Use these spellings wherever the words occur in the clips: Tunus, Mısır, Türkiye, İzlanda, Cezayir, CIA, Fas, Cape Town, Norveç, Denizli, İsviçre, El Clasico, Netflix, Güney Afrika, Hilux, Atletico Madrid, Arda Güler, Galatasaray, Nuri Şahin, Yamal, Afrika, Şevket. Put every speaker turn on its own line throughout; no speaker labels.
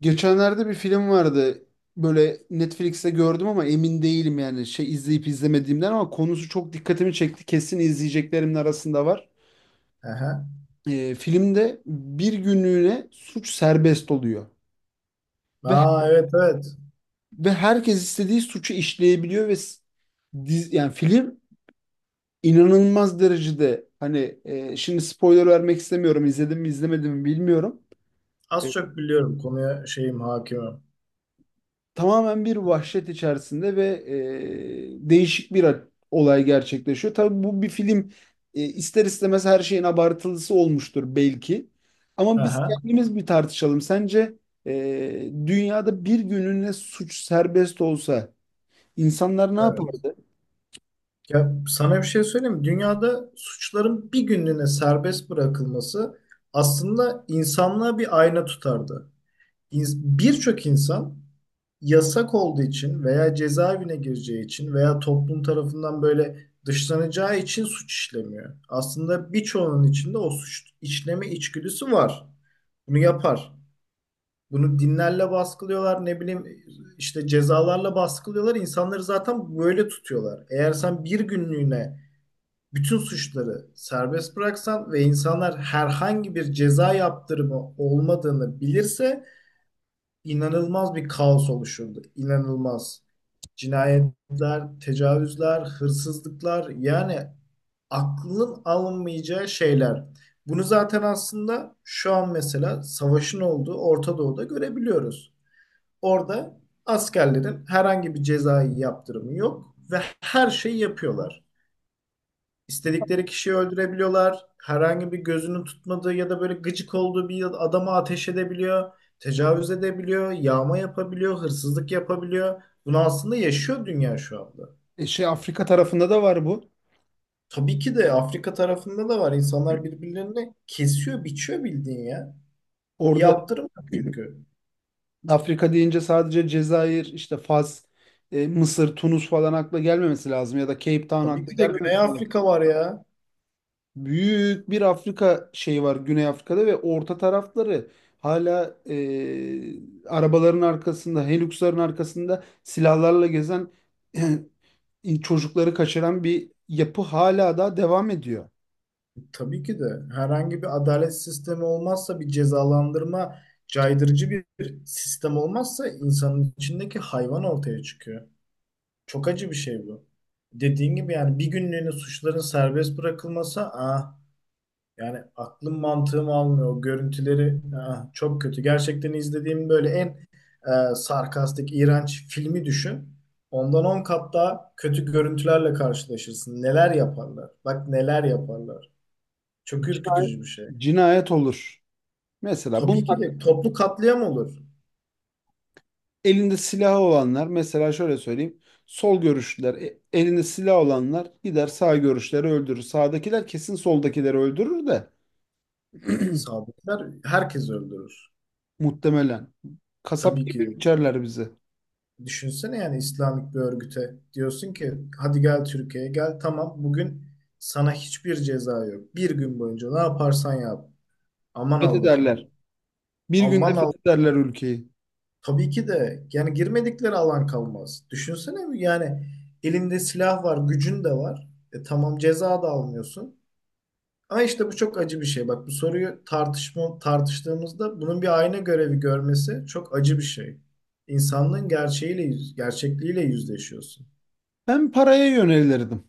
Geçenlerde bir film vardı. Böyle Netflix'te gördüm ama emin değilim, yani izleyip izlemediğimden, ama konusu çok dikkatimi çekti. Kesin izleyeceklerimin arasında var.
Aha.
Filmde bir günlüğüne suç serbest oluyor ve
Aa, evet evet.
ve herkes istediği suçu işleyebiliyor ve yani film inanılmaz derecede, hani şimdi spoiler vermek istemiyorum. İzledim mi izlemedim mi bilmiyorum.
Az
E,
çok biliyorum konuya şeyim hakimim.
Tamamen bir vahşet içerisinde ve değişik bir olay gerçekleşiyor. Tabii bu bir film, ister istemez her şeyin abartılısı olmuştur belki. Ama biz
Aha,
kendimiz bir tartışalım. Sence dünyada bir gününe suç serbest olsa insanlar ne
evet.
yapardı?
Ya sana bir şey söyleyeyim mi? Dünyada suçların bir günlüğüne serbest bırakılması aslında insanlığa bir ayna tutardı. Birçok insan yasak olduğu için veya cezaevine gireceği için veya toplum tarafından böyle dışlanacağı için suç işlemiyor. Aslında birçoğunun içinde o suç işleme içgüdüsü var. Bunu yapar. Bunu dinlerle baskılıyorlar, ne bileyim işte cezalarla baskılıyorlar. İnsanları zaten böyle tutuyorlar. Eğer sen bir günlüğüne bütün suçları serbest bıraksan ve insanlar herhangi bir ceza yaptırımı olmadığını bilirse inanılmaz bir kaos oluşurdu. İnanılmaz. Cinayetler, tecavüzler, hırsızlıklar yani aklın alınmayacağı şeyler. Bunu zaten aslında şu an mesela savaşın olduğu Orta Doğu'da görebiliyoruz. Orada askerlerin herhangi bir cezai yaptırımı yok ve her şeyi yapıyorlar. İstedikleri kişiyi öldürebiliyorlar. Herhangi bir gözünün tutmadığı ya da böyle gıcık olduğu bir adama ateş edebiliyor. Tecavüz edebiliyor, yağma yapabiliyor, hırsızlık yapabiliyor. Bunu aslında yaşıyor dünya şu anda.
Afrika tarafında da var bu.
Tabii ki de Afrika tarafında da var. İnsanlar birbirlerini kesiyor, biçiyor bildiğin ya. Bir
Orada
yaptırım yok çünkü.
Afrika deyince sadece Cezayir, işte Fas, Mısır, Tunus falan akla gelmemesi lazım, ya da Cape Town
Tabii
akla
ki de Güney
gelmemesi lazım.
Afrika var ya.
Büyük bir Afrika şeyi var, Güney Afrika'da, ve orta tarafları hala arabaların arkasında, Hilux'ların arkasında silahlarla gezen çocukları kaçıran bir yapı hala da devam ediyor.
Tabii ki de herhangi bir adalet sistemi olmazsa bir cezalandırma caydırıcı bir sistem olmazsa insanın içindeki hayvan ortaya çıkıyor. Çok acı bir şey bu. Dediğin gibi yani bir günlüğüne suçların serbest bırakılması ah yani aklım mantığım almıyor. O görüntüleri ah, çok kötü. Gerçekten izlediğim böyle en sarkastik, iğrenç filmi düşün. Ondan 10 kat daha kötü görüntülerle karşılaşırsın. Neler yaparlar? Bak neler yaparlar. Çok
Cina-
ürkütücü bir şey.
Cinayet olur. Mesela
Tabii ki
bunlar,
de toplu katliam olur.
elinde silahı olanlar, mesela şöyle söyleyeyim, sol görüşlüler, elinde silah olanlar gider sağ görüşleri öldürür. Sağdakiler kesin soldakileri öldürür de.
Sadıklar herkes öldürür.
Muhtemelen. Kasap
Tabii ki
gibi
de.
biçerler bizi.
Düşünsene yani İslamik bir örgüte diyorsun ki hadi gel Türkiye'ye gel tamam bugün sana hiçbir ceza yok. Bir gün boyunca ne yaparsan yap. Aman Allah'ım.
Fethederler. Bir günde
Aman Allah.
fethederler ülkeyi.
Tabii ki de yani girmedikleri alan kalmaz. Düşünsene yani elinde silah var, gücün de var. E tamam ceza da almıyorsun. Ama işte bu çok acı bir şey. Bak bu soruyu tartışma, tartıştığımızda bunun bir ayna görevi görmesi çok acı bir şey. İnsanlığın gerçekliğiyle yüzleşiyorsun.
Ben paraya yönelirdim.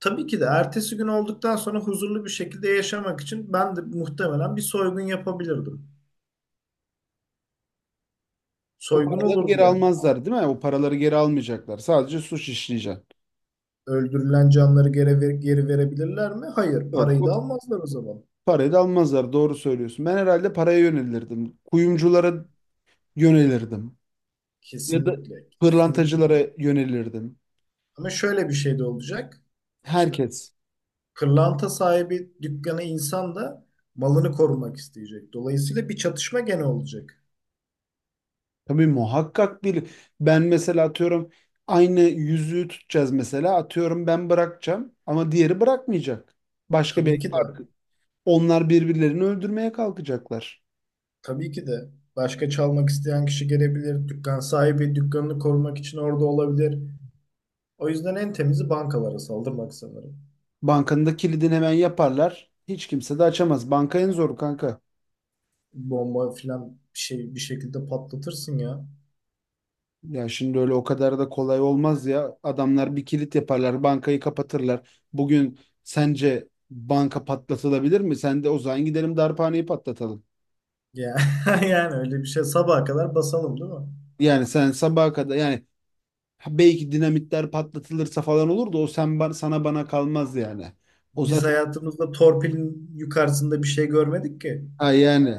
Tabii ki de ertesi gün olduktan sonra huzurlu bir şekilde yaşamak için ben de muhtemelen bir soygun yapabilirdim.
O
Soygun
paraları
olurdu
geri
yani.
almazlar değil mi? O paraları geri almayacaklar. Sadece suç işleyeceksin.
Öldürülen canları geri verebilirler mi? Hayır.
Yok,
Parayı da
o
almazlar o zaman.
parayı da almazlar. Doğru söylüyorsun. Ben herhalde paraya yönelirdim. Kuyumculara yönelirdim. Ya da
Kesinlikle. Kesinlikle.
pırlantacılara yönelirdim.
Ama şöyle bir şey de olacak. Şimdi
Herkes.
Kırlanta sahibi dükkanı insan da malını korumak isteyecek. Dolayısıyla bir çatışma gene olacak.
Tabii muhakkak bir, ben mesela atıyorum, aynı yüzüğü tutacağız mesela, atıyorum ben bırakacağım ama diğeri bırakmayacak. Başka
Tabii
bir
ki de,
farkı. Onlar birbirlerini öldürmeye kalkacaklar.
tabii ki de, başka çalmak isteyen kişi gelebilir. Dükkan sahibi dükkanını korumak için orada olabilir. O yüzden en temizi bankalara saldırmak sanırım.
Bankanın da kilidini hemen yaparlar. Hiç kimse de açamaz. Banka en zoru kanka.
Bomba filan bir şey bir şekilde patlatırsın ya.
Ya şimdi öyle o kadar da kolay olmaz ya. Adamlar bir kilit yaparlar, bankayı kapatırlar. Bugün sence banka patlatılabilir mi? Sen de o zaman gidelim darphaneyi patlatalım.
Ya yani öyle bir şey sabaha kadar basalım değil mi?
Yani sen sabaha kadar, yani, ha, belki dinamitler patlatılırsa falan olur da, o sen sana bana kalmaz yani. O
Biz
zaten,
hayatımızda torpilin yukarısında bir şey görmedik ki.
ha yani.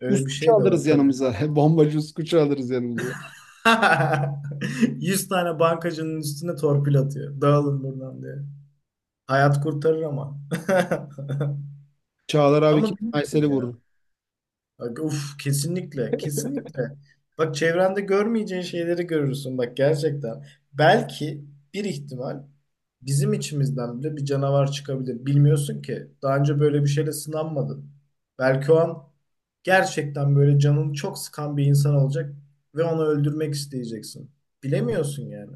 Öyle bir
Uskuçu
şey de var
alırız
tabii.
yanımıza. Bombacı uskuçu alırız yanımıza.
100 tane bankacının üstüne torpil atıyor. Dağılın buradan diye. Hayat kurtarır ama.
Çağlar abi
Ama
kesin Aysel'i
bilmiyorum ya.
vurur.
Bak, uf kesinlikle. Kesinlikle. Bak çevrende görmeyeceğin şeyleri görürsün. Bak gerçekten. Belki bir ihtimal bizim içimizden bile bir canavar çıkabilir. Bilmiyorsun ki. Daha önce böyle bir şeyle sınanmadın. Belki o an gerçekten böyle canını çok sıkan bir insan olacak ve onu öldürmek isteyeceksin. Bilemiyorsun yani.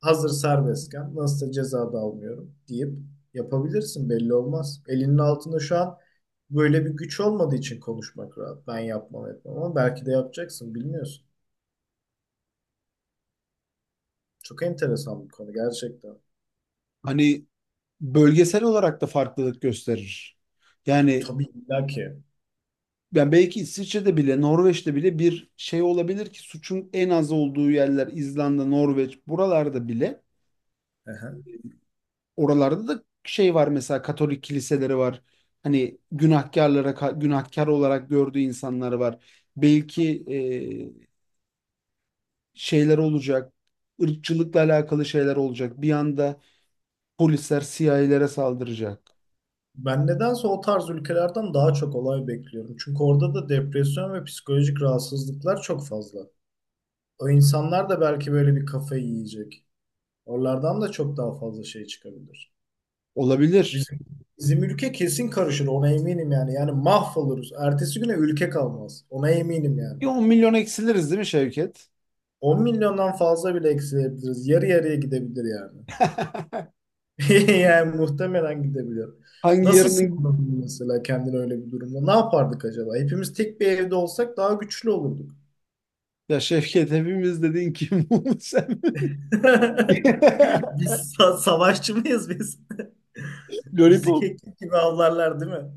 Hazır serbestken nasılsa ceza da almıyorum deyip yapabilirsin belli olmaz. Elinin altında şu an böyle bir güç olmadığı için konuşmak rahat. Ben yapmam etmem ama belki de yapacaksın bilmiyorsun. Çok enteresan bir konu gerçekten.
Hani bölgesel olarak da farklılık gösterir. Yani
Tabii illa ki.
ben belki İsviçre'de bile, Norveç'te bile bir şey olabilir, ki suçun en az olduğu yerler İzlanda, Norveç, buralarda bile.
Aha.
Oralarda da şey var, mesela Katolik kiliseleri var. Hani günahkarlara, günahkar olarak gördüğü insanlar var. Belki e, şeyler olacak. Irkçılıkla alakalı şeyler olacak. Bir anda polisler CIA'lere saldıracak.
Ben nedense o tarz ülkelerden daha çok olay bekliyorum. Çünkü orada da depresyon ve psikolojik rahatsızlıklar çok fazla. O insanlar da belki böyle bir kafayı yiyecek. Oralardan da çok daha fazla şey çıkabilir.
Olabilir.
Bizim, Bizim ülke kesin karışır ona eminim yani. Yani mahvoluruz. Ertesi güne ülke kalmaz. Ona eminim yani.
Bir 10 milyon eksiliriz değil mi Şevket?
10 milyondan fazla bile eksilebiliriz. Yarı yarıya gidebilir yani. Yani muhtemelen gidebilir.
Hangi
Nasıl
yarının,
sığınırdın mesela kendini öyle bir durumda? Ne yapardık acaba? Hepimiz tek bir evde olsak daha güçlü olurduk.
ya Şevket, hepimiz dediğin kim bu, sen?
Savaşçı mıyız biz? Bizi
Lollipop.
keklik gibi avlarlar değil mi?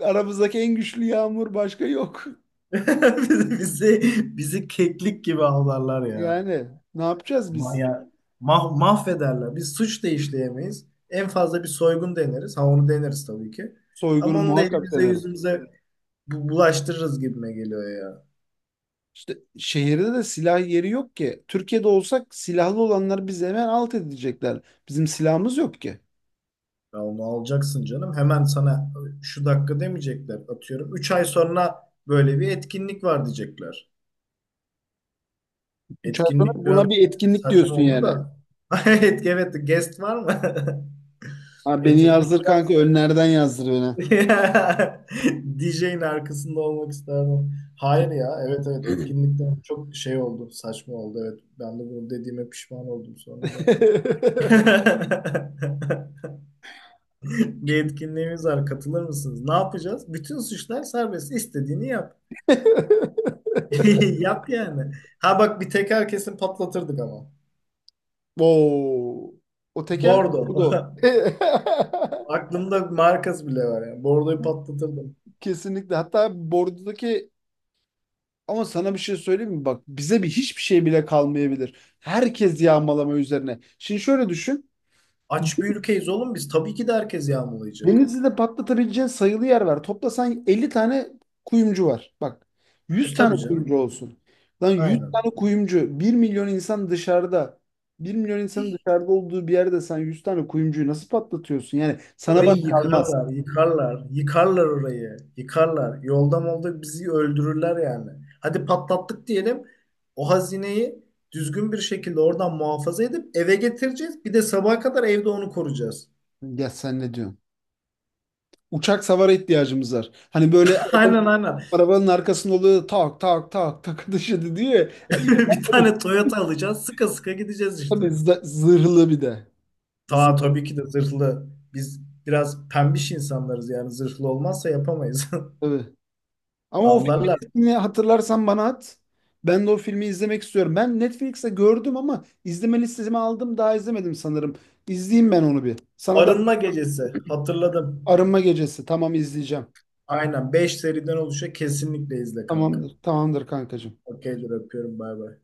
Aramızdaki en güçlü yağmur, başka yok.
Bizi, bizi bizi, keklik gibi avlarlar ya.
Yani ne yapacağız
Ma-
biz?
ya, Mahvederler. Biz suç da işleyemeyiz. En fazla bir soygun deneriz. Ha onu deneriz tabii ki. Ama
Soygunu
onu da
muhakkak
elimize
denerim.
yüzümüze bulaştırırız gibime geliyor ya.
İşte şehirde de silah yeri yok ki. Türkiye'de olsak silahlı olanlar bizi hemen alt edecekler. Bizim silahımız yok ki.
Ya onu alacaksın canım. Hemen sana şu dakika demeyecekler. Atıyorum. 3 ay sonra böyle bir etkinlik var diyecekler.
Üç ay sonra
Etkinlik
buna
biraz
bir etkinlik
saçma
diyorsun
oldu
yani.
da. Evet, evet guest var mı?
Ha, beni
Etkinlik
yazdır kanka, önlerden yazdır beni.
DJ'in arkasında olmak isterdim. Hayır ya. Evet evet etkinlikten çok şey oldu. Saçma oldu. Evet. Ben de bunu dediğime pişman oldum sonra da. Bir etkinliğimiz var. Katılır mısınız? Ne yapacağız? Bütün suçlar serbest. İstediğini yap. Yap yani. Ha bak bir teker kesin patlatırdık ama.
Oo. O tekerle
Bordo.
bordo.
Aklımda markası bile var yani. Bordoyu patlatırdım.
Kesinlikle. Hatta bordodaki, ama sana bir şey söyleyeyim mi? Bak bize hiçbir şey bile kalmayabilir. Herkes yağmalama üzerine. Şimdi şöyle düşün.
Aç bir ülkeyiz oğlum biz. Tabii ki de herkes yağmalayacak.
Denizli'de patlatabileceğin sayılı yer var. Toplasan 50 tane kuyumcu var. Bak,
E
100 tane
tabii
kuyumcu
canım.
olsun. Lan, 100
Aynen.
tane kuyumcu, bir milyon insan dışarıda. Bir milyon insanın dışarıda olduğu bir yerde sen 100 tane kuyumcuyu nasıl patlatıyorsun? Yani sana
Orayı
bana kalmaz.
yıkarlar, yıkarlar, yıkarlar orayı, yıkarlar. Yolda molda bizi öldürürler yani. Hadi patlattık diyelim. O hazineyi düzgün bir şekilde oradan muhafaza edip eve getireceğiz. Bir de sabaha kadar evde onu koruyacağız.
Ya sen ne diyorsun? Uçak savara ihtiyacımız var. Hani böyle
Aynen aynen.
arabanın arkasında oluyor, tak tak tak tak, taşı diyor ya. Ya
Bir tane Toyota alacağız. Sıka sıka gideceğiz işte.
Tabii zırhlı bir de. Zırhlı.
Tabii ki de zırhlı. Biz biraz pembiş insanlarız yani zırhlı olmazsa yapamayız.
Ama o filmin
Avlarlar.
ismini hatırlarsan bana at. Ben de o filmi izlemek istiyorum. Ben Netflix'te gördüm ama izleme listesime aldım. Daha izlemedim sanırım. İzleyeyim ben onu bir. Sana da
Arınma gecesi. Hatırladım.
arınma gecesi. Tamam, izleyeceğim.
Aynen 5 seriden oluşuyor. Kesinlikle izle kanka.
Tamamdır. Tamamdır kankacığım.
Okeydir öpüyorum bay bay.